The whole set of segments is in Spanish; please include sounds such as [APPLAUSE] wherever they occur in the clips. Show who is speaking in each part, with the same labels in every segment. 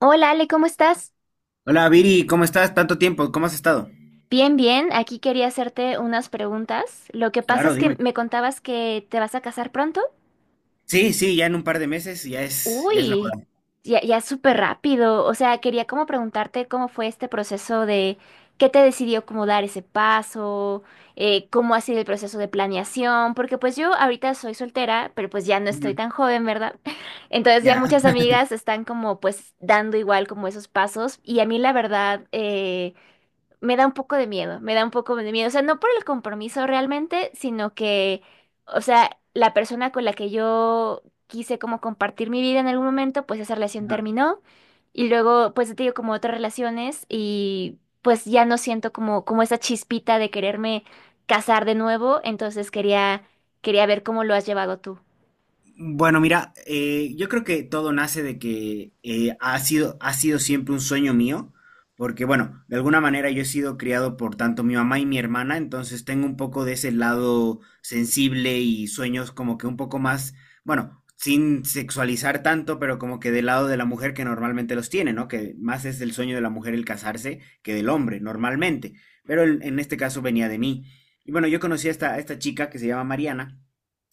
Speaker 1: Hola Ale, ¿cómo estás?
Speaker 2: Hola Viri, ¿cómo estás? Tanto tiempo, ¿cómo has estado?
Speaker 1: Bien, bien. Aquí quería hacerte unas preguntas. Lo que pasa
Speaker 2: Claro,
Speaker 1: es que
Speaker 2: dime.
Speaker 1: me contabas que te vas a casar pronto.
Speaker 2: Sí, sí, ya en un par de meses ya es la
Speaker 1: Uy,
Speaker 2: boda.
Speaker 1: ya, ya es súper rápido. O sea, quería como preguntarte cómo fue este proceso de qué te decidió como dar ese paso, cómo ha sido el proceso de planeación, porque pues yo ahorita soy soltera, pero pues ya no estoy
Speaker 2: Ujú.
Speaker 1: tan joven, ¿verdad? [LAUGHS] Entonces ya
Speaker 2: Ya.
Speaker 1: muchas amigas están como pues dando igual como esos pasos y a mí la verdad. Me da un poco de miedo, me da un poco de miedo. O sea, no por el compromiso realmente, sino que, o sea, la persona con la que yo quise como compartir mi vida en algún momento, pues esa relación terminó. Y luego, pues te digo, como otras relaciones y pues ya no siento como, como esa chispita de quererme casar de nuevo. Entonces quería, ver cómo lo has llevado tú.
Speaker 2: Bueno, mira, yo creo que todo nace de que ha sido siempre un sueño mío, porque bueno, de alguna manera yo he sido criado por tanto mi mamá y mi hermana, entonces tengo un poco de ese lado sensible y sueños como que un poco más, bueno, sin sexualizar tanto, pero como que del lado de la mujer que normalmente los tiene, ¿no? Que más es el sueño de la mujer el casarse que del hombre, normalmente, pero en este caso venía de mí. Y bueno, yo conocí a esta chica que se llama Mariana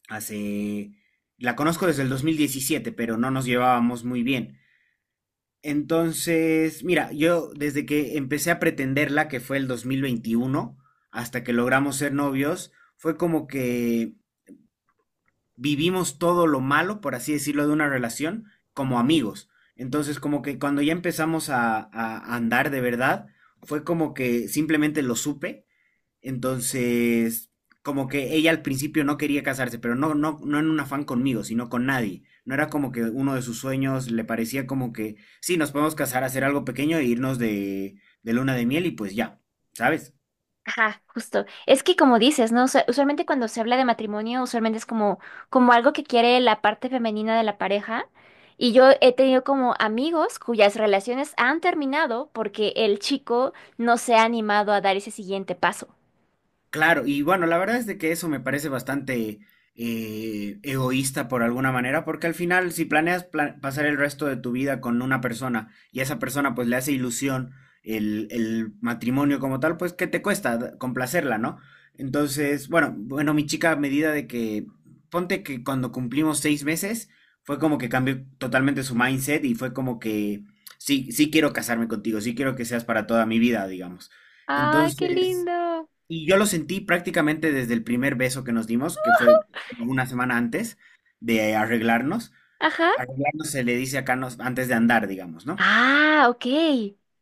Speaker 2: hace... La conozco desde el 2017, pero no nos llevábamos muy bien. Entonces, mira, yo desde que empecé a pretenderla, que fue el 2021, hasta que logramos ser novios, fue como que vivimos todo lo malo, por así decirlo, de una relación como amigos. Entonces, como que cuando ya empezamos a andar de verdad, fue como que simplemente lo supe. Entonces, como que ella al principio no quería casarse, pero no, no, no en un afán conmigo, sino con nadie. No era como que uno de sus sueños, le parecía como que, sí, nos podemos casar, hacer algo pequeño e irnos de luna de miel y pues ya, ¿sabes?
Speaker 1: Ajá, justo. Es que como dices, ¿no? Usualmente cuando se habla de matrimonio, usualmente es como, como algo que quiere la parte femenina de la pareja. Y yo he tenido como amigos cuyas relaciones han terminado porque el chico no se ha animado a dar ese siguiente paso.
Speaker 2: Claro, y bueno, la verdad es de que eso me parece bastante egoísta por alguna manera, porque al final, si planeas pasar el resto de tu vida con una persona y a esa persona pues le hace ilusión el matrimonio como tal, pues ¿qué te cuesta complacerla, no? Entonces, bueno, bueno, mi chica, a medida de que, ponte que cuando cumplimos 6 meses, fue como que cambió totalmente su mindset y fue como que, sí, sí quiero casarme contigo, sí quiero que seas para toda mi vida, digamos.
Speaker 1: ¡Ay, qué
Speaker 2: Entonces...
Speaker 1: lindo!
Speaker 2: Y yo lo sentí prácticamente desde el primer beso que nos dimos, que fue como una semana antes de arreglarnos.
Speaker 1: Ajá.
Speaker 2: Arreglarnos se le dice acá antes de andar, digamos, ¿no?
Speaker 1: Ah, ok.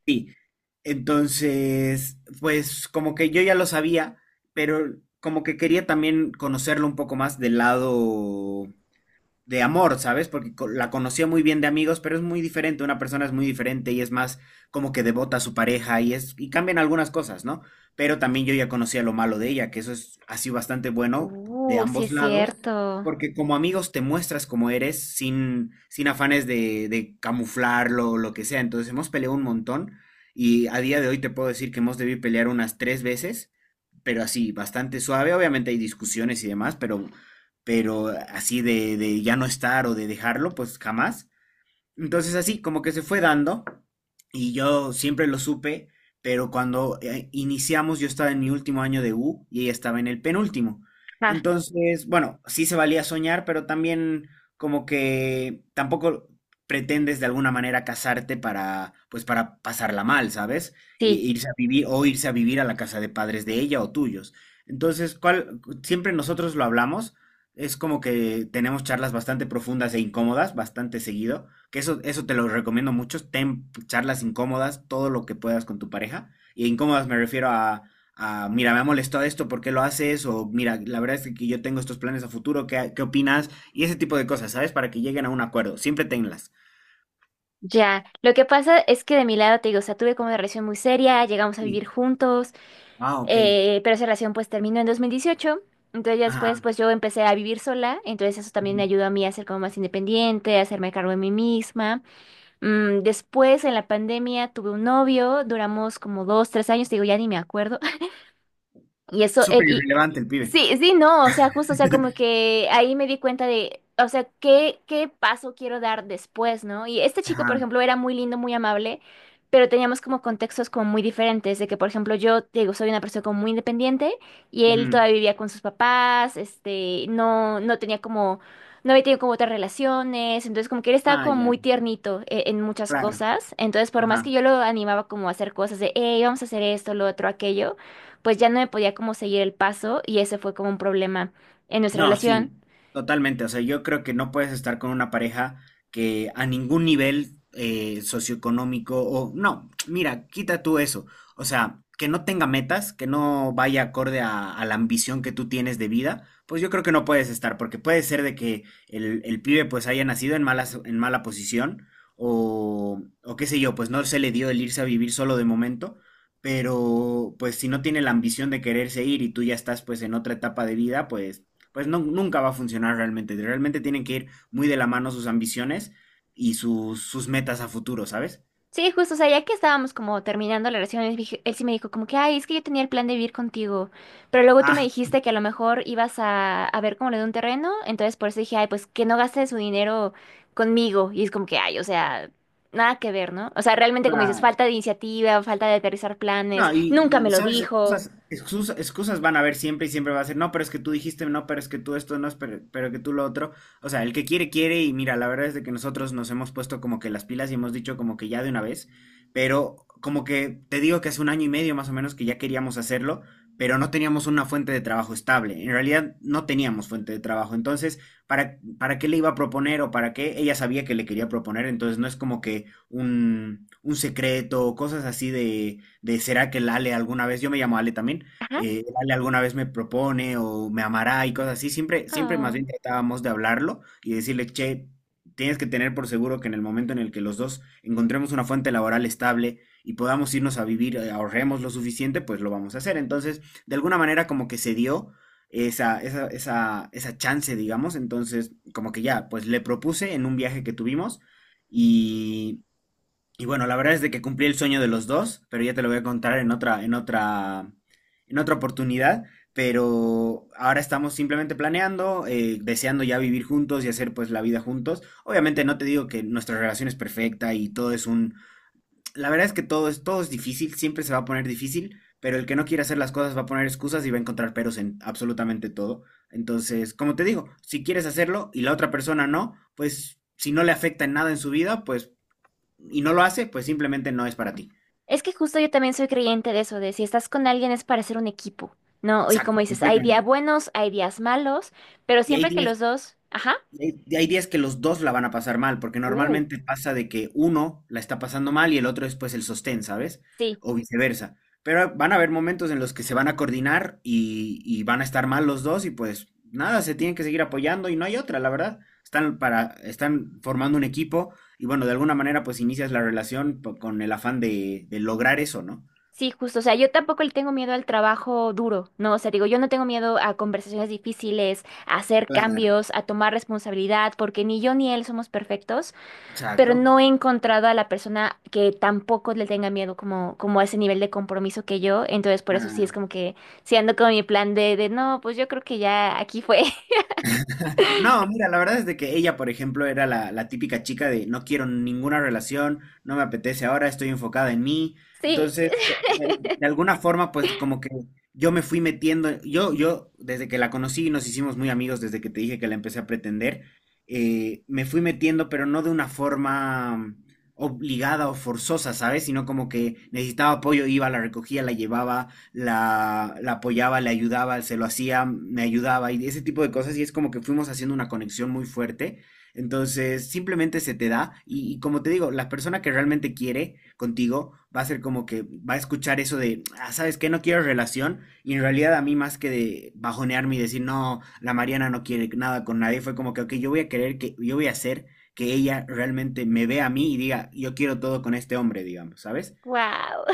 Speaker 2: Sí. Entonces, pues como que yo ya lo sabía, pero como que quería también conocerlo un poco más del lado de amor, ¿sabes? Porque la conocía muy bien de amigos, pero es muy diferente, una persona es muy diferente y es más como que devota a su pareja y es y cambian algunas cosas, ¿no? Pero también yo ya conocía lo malo de ella, que eso es así bastante bueno de
Speaker 1: Sí
Speaker 2: ambos
Speaker 1: es
Speaker 2: lados,
Speaker 1: cierto.
Speaker 2: porque como amigos te muestras como eres sin afanes de camuflarlo o lo que sea. Entonces hemos peleado un montón y a día de hoy te puedo decir que hemos debido pelear unas tres veces, pero así, bastante suave. Obviamente hay discusiones y demás, pero, pero así de ya no estar o de dejarlo, pues jamás. Entonces así, como que se fue dando y yo siempre lo supe, pero cuando iniciamos yo estaba en mi último año de U y ella estaba en el penúltimo.
Speaker 1: Ajá,
Speaker 2: Entonces, bueno, sí se valía soñar, pero también como que tampoco pretendes de alguna manera casarte para, pues para pasarla mal, ¿sabes?
Speaker 1: sí,
Speaker 2: Y irse a vivir o irse a vivir a la casa de padres de ella o tuyos. Entonces, ¿cuál? Siempre nosotros lo hablamos. Es como que tenemos charlas bastante profundas e incómodas, bastante seguido, que eso te lo recomiendo mucho. Ten charlas incómodas, todo lo que puedas con tu pareja. Y incómodas me refiero mira, me ha molestado esto, ¿por qué lo haces? O mira, la verdad es que yo tengo estos planes a futuro, ¿qué opinas? Y ese tipo de cosas, ¿sabes? Para que lleguen a un acuerdo. Siempre tenlas.
Speaker 1: ya. Lo que pasa es que de mi lado te digo, o sea, tuve como una relación muy seria, llegamos a
Speaker 2: Sí.
Speaker 1: vivir juntos.
Speaker 2: Ah, ok.
Speaker 1: Pero esa relación pues terminó en 2018. Entonces ya después
Speaker 2: Ajá.
Speaker 1: pues yo empecé a vivir sola. Entonces eso también me ayudó a mí a ser como más independiente, a hacerme cargo de mí misma. Después en la pandemia tuve un novio, duramos como dos, tres años, digo ya ni me acuerdo. Y eso,
Speaker 2: Súper
Speaker 1: y,
Speaker 2: irrelevante el pibe.
Speaker 1: sí, sí, no, o sea, justo, o sea, como
Speaker 2: [LAUGHS]
Speaker 1: que ahí me di cuenta de, o sea, qué, qué paso quiero dar después, ¿no? Y este chico, por
Speaker 2: Ajá.
Speaker 1: ejemplo, era muy lindo, muy amable, pero teníamos como contextos como muy diferentes, de que, por ejemplo, yo, te digo, soy una persona como muy independiente y él
Speaker 2: Ujú.
Speaker 1: todavía vivía con sus papás, este, no, no tenía como, no había tenido como otras relaciones, entonces como que él estaba
Speaker 2: Ah,
Speaker 1: como
Speaker 2: ya.
Speaker 1: muy tiernito en, muchas
Speaker 2: Claro.
Speaker 1: cosas, entonces por más que
Speaker 2: Ajá.
Speaker 1: yo lo animaba como a hacer cosas de, hey, vamos a hacer esto, lo otro, aquello pues ya no me podía como seguir el paso y ese fue como un problema en nuestra
Speaker 2: No,
Speaker 1: relación.
Speaker 2: sí, totalmente. O sea, yo creo que no puedes estar con una pareja que a ningún nivel socioeconómico o no, mira, quita tú eso. O sea, que no tenga metas, que no vaya acorde a la ambición que tú tienes de vida, pues yo creo que no puedes estar, porque puede ser de que el pibe pues haya nacido en mala posición o qué sé yo, pues no se le dio el irse a vivir solo de momento, pero pues si no tiene la ambición de quererse ir y tú ya estás pues en otra etapa de vida, pues no, nunca va a funcionar realmente. Realmente tienen que ir muy de la mano sus ambiciones y sus metas a futuro, ¿sabes?
Speaker 1: Sí, justo, o sea, ya que estábamos como terminando la relación, él, él sí me dijo como que, ay, es que yo tenía el plan de vivir contigo, pero luego tú me
Speaker 2: Ah,
Speaker 1: dijiste que a lo mejor ibas a ver como lo de un terreno, entonces por eso dije, ay, pues que no gaste su dinero conmigo y es como que, ay, o sea... Nada que ver, ¿no? O sea, realmente como dices,
Speaker 2: claro.
Speaker 1: falta de iniciativa, falta de aterrizar
Speaker 2: No,
Speaker 1: planes, nunca me lo
Speaker 2: sabes,
Speaker 1: dijo.
Speaker 2: excusas, excusas, excusas van a haber siempre y siempre va a ser, no, pero es que tú dijiste, no, pero es que tú esto, no, es pero, que tú lo otro. O sea, el que quiere, quiere, y mira, la verdad es de que nosotros nos hemos puesto como que las pilas y hemos dicho como que ya de una vez, pero como que te digo que hace un año y medio más o menos que ya queríamos hacerlo, pero no teníamos una fuente de trabajo estable. En realidad no teníamos fuente de trabajo. Entonces, ¿para qué le iba a proponer o para qué? Ella sabía que le quería proponer, entonces no es como que un secreto, cosas así de será que el Ale alguna vez, yo me llamo Ale también, el Ale alguna vez me propone o me amará y cosas así, siempre, siempre más
Speaker 1: Ajá.
Speaker 2: bien tratábamos de hablarlo y decirle, che, tienes que tener por seguro que en el momento en el que los dos encontremos una fuente laboral estable y podamos irnos a vivir, ahorremos lo suficiente, pues lo vamos a hacer. Entonces, de alguna manera como que se dio esa chance, digamos. Entonces, como que ya, pues le propuse en un viaje que tuvimos y, y bueno, la verdad es de que cumplí el sueño de los dos, pero ya te lo voy a contar en otra oportunidad. Pero ahora estamos simplemente planeando, deseando ya vivir juntos y hacer pues la vida juntos. Obviamente no te digo que nuestra relación es perfecta y todo es un... La verdad es que todo es difícil, siempre se va a poner difícil, pero el que no quiere hacer las cosas va a poner excusas y va a encontrar peros en absolutamente todo. Entonces, como te digo, si quieres hacerlo y la otra persona no, pues si no le afecta en nada en su vida, pues y no lo hace, pues simplemente no es para ti.
Speaker 1: Es que justo yo también soy creyente de eso, de si estás con alguien es para ser un equipo, ¿no? Y como
Speaker 2: Exacto,
Speaker 1: dices, hay días
Speaker 2: completamente.
Speaker 1: buenos, hay días malos, pero
Speaker 2: Y hay
Speaker 1: siempre que
Speaker 2: días,
Speaker 1: los dos, ajá,
Speaker 2: hay, hay días que los dos la van a pasar mal, porque
Speaker 1: uh,
Speaker 2: normalmente pasa de que uno la está pasando mal y el otro es pues el sostén, ¿sabes?
Speaker 1: sí,
Speaker 2: O viceversa. Pero van a haber momentos en los que se van a coordinar y van a estar mal los dos y pues nada, se tienen que seguir apoyando y no hay otra, la verdad. Están formando un equipo y bueno, de alguna manera pues inicias la relación con el afán de lograr eso, ¿no?
Speaker 1: sí, justo, o sea, yo tampoco le tengo miedo al trabajo duro, ¿no? O sea, digo, yo no tengo miedo a conversaciones difíciles, a hacer
Speaker 2: Claro.
Speaker 1: cambios, a tomar responsabilidad, porque ni yo ni él somos perfectos. Pero
Speaker 2: Exacto.
Speaker 1: no he encontrado a la persona que tampoco le tenga miedo como, como a ese nivel de compromiso que yo. Entonces, por eso sí es
Speaker 2: Claro.
Speaker 1: como que si ando con mi plan de no, pues yo creo que ya aquí fue. [LAUGHS]
Speaker 2: No, mira, la verdad es de que ella, por ejemplo, era la típica chica de no quiero ninguna relación, no me apetece ahora, estoy enfocada en mí.
Speaker 1: Sí,
Speaker 2: Entonces, de alguna forma, pues como que yo me fui metiendo, desde que la conocí, nos hicimos muy amigos, desde que te dije que la empecé a pretender, me fui metiendo, pero no de una forma obligada o forzosa, ¿sabes? Sino como que necesitaba apoyo, iba, la recogía, la llevaba, la apoyaba, le ayudaba, se lo hacía, me ayudaba y ese tipo de cosas y es como que fuimos haciendo una conexión muy fuerte. Entonces, simplemente se te da y como te digo, la persona que realmente quiere contigo va a ser como que va a escuchar eso de, ah, ¿sabes qué? No quiero relación y en realidad a mí más que de bajonearme y decir, no, la Mariana no quiere nada con nadie, fue como que, ok, yo voy a querer que, yo voy a hacer que ella realmente me vea a mí y diga, yo quiero todo con este hombre, digamos, ¿sabes?
Speaker 1: wow.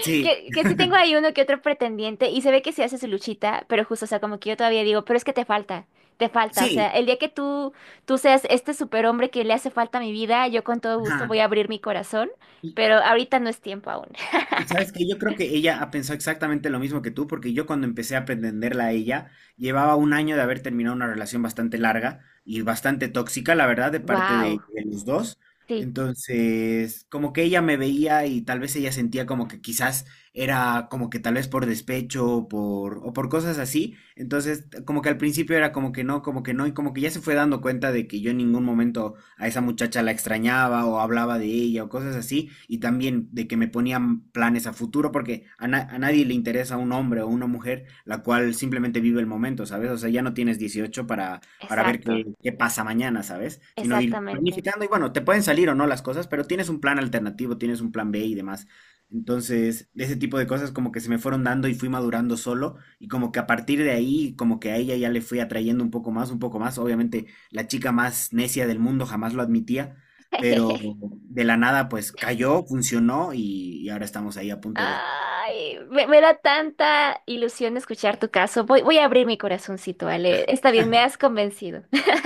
Speaker 2: Sí,
Speaker 1: Que sí tengo ahí
Speaker 2: [LAUGHS]
Speaker 1: uno que otro pretendiente y se ve que se hace su luchita, pero justo, o sea, como que yo todavía digo, pero es que te falta, te falta. O sea,
Speaker 2: sí,
Speaker 1: el día que tú seas este superhombre que le hace falta a mi vida, yo con todo gusto voy
Speaker 2: ajá.
Speaker 1: a abrir mi corazón,
Speaker 2: Y,
Speaker 1: pero ahorita no es tiempo aún. [LAUGHS]
Speaker 2: y sabes que yo creo que ella ha pensado exactamente lo mismo que tú, porque yo cuando empecé a pretenderla a ella, llevaba un año de haber terminado una relación bastante larga y bastante tóxica, la verdad, de parte
Speaker 1: Wow.
Speaker 2: de los dos.
Speaker 1: Sí,
Speaker 2: Entonces, como que ella me veía y tal vez ella sentía como que quizás era como que tal vez por despecho o o por cosas así. Entonces, como que al principio era como que no, y como que ya se fue dando cuenta de que yo en ningún momento a esa muchacha la extrañaba o hablaba de ella o cosas así, y también de que me ponían planes a futuro, porque a nadie le interesa un hombre o una mujer la cual simplemente vive el momento, ¿sabes? O sea, ya no tienes 18 para, ver
Speaker 1: exacto,
Speaker 2: qué, pasa mañana, ¿sabes? Sino ir
Speaker 1: exactamente.
Speaker 2: planificando y bueno, te pueden salir o no las cosas, pero tienes un plan alternativo, tienes un plan B y demás. Entonces, ese tipo de cosas como que se me fueron dando y fui madurando solo y como que a partir de ahí, como que a ella ya le fui atrayendo un poco más, un poco más. Obviamente, la chica más necia del mundo jamás lo admitía, pero
Speaker 1: [LAUGHS]
Speaker 2: de la nada pues cayó, funcionó y ahora estamos ahí a punto de...
Speaker 1: Ay, me da tanta ilusión escuchar tu caso. Voy, voy a abrir mi corazoncito, Ale. Está bien, me has convencido.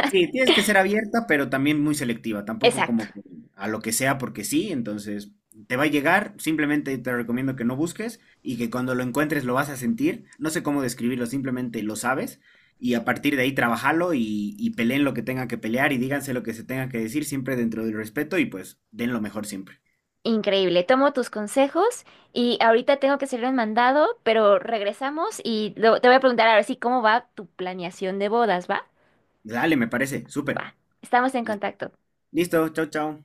Speaker 2: Sí, tienes que ser abierta, pero también muy selectiva,
Speaker 1: [LAUGHS]
Speaker 2: tampoco
Speaker 1: Exacto.
Speaker 2: como que a lo que sea porque sí, entonces te va a llegar, simplemente te recomiendo que no busques y que cuando lo encuentres lo vas a sentir, no sé cómo describirlo, simplemente lo sabes y a partir de ahí trabajalo y peleen lo que tengan que pelear y díganse lo que se tenga que decir siempre dentro del respeto y pues den lo mejor siempre.
Speaker 1: Increíble. Tomo tus consejos y ahorita tengo que hacer un mandado, pero regresamos y te voy a preguntar ahora sí cómo va tu planeación de bodas, ¿va?
Speaker 2: Dale, me parece, súper.
Speaker 1: Va. Estamos en
Speaker 2: Listo.
Speaker 1: contacto.
Speaker 2: Listo, chao, chao.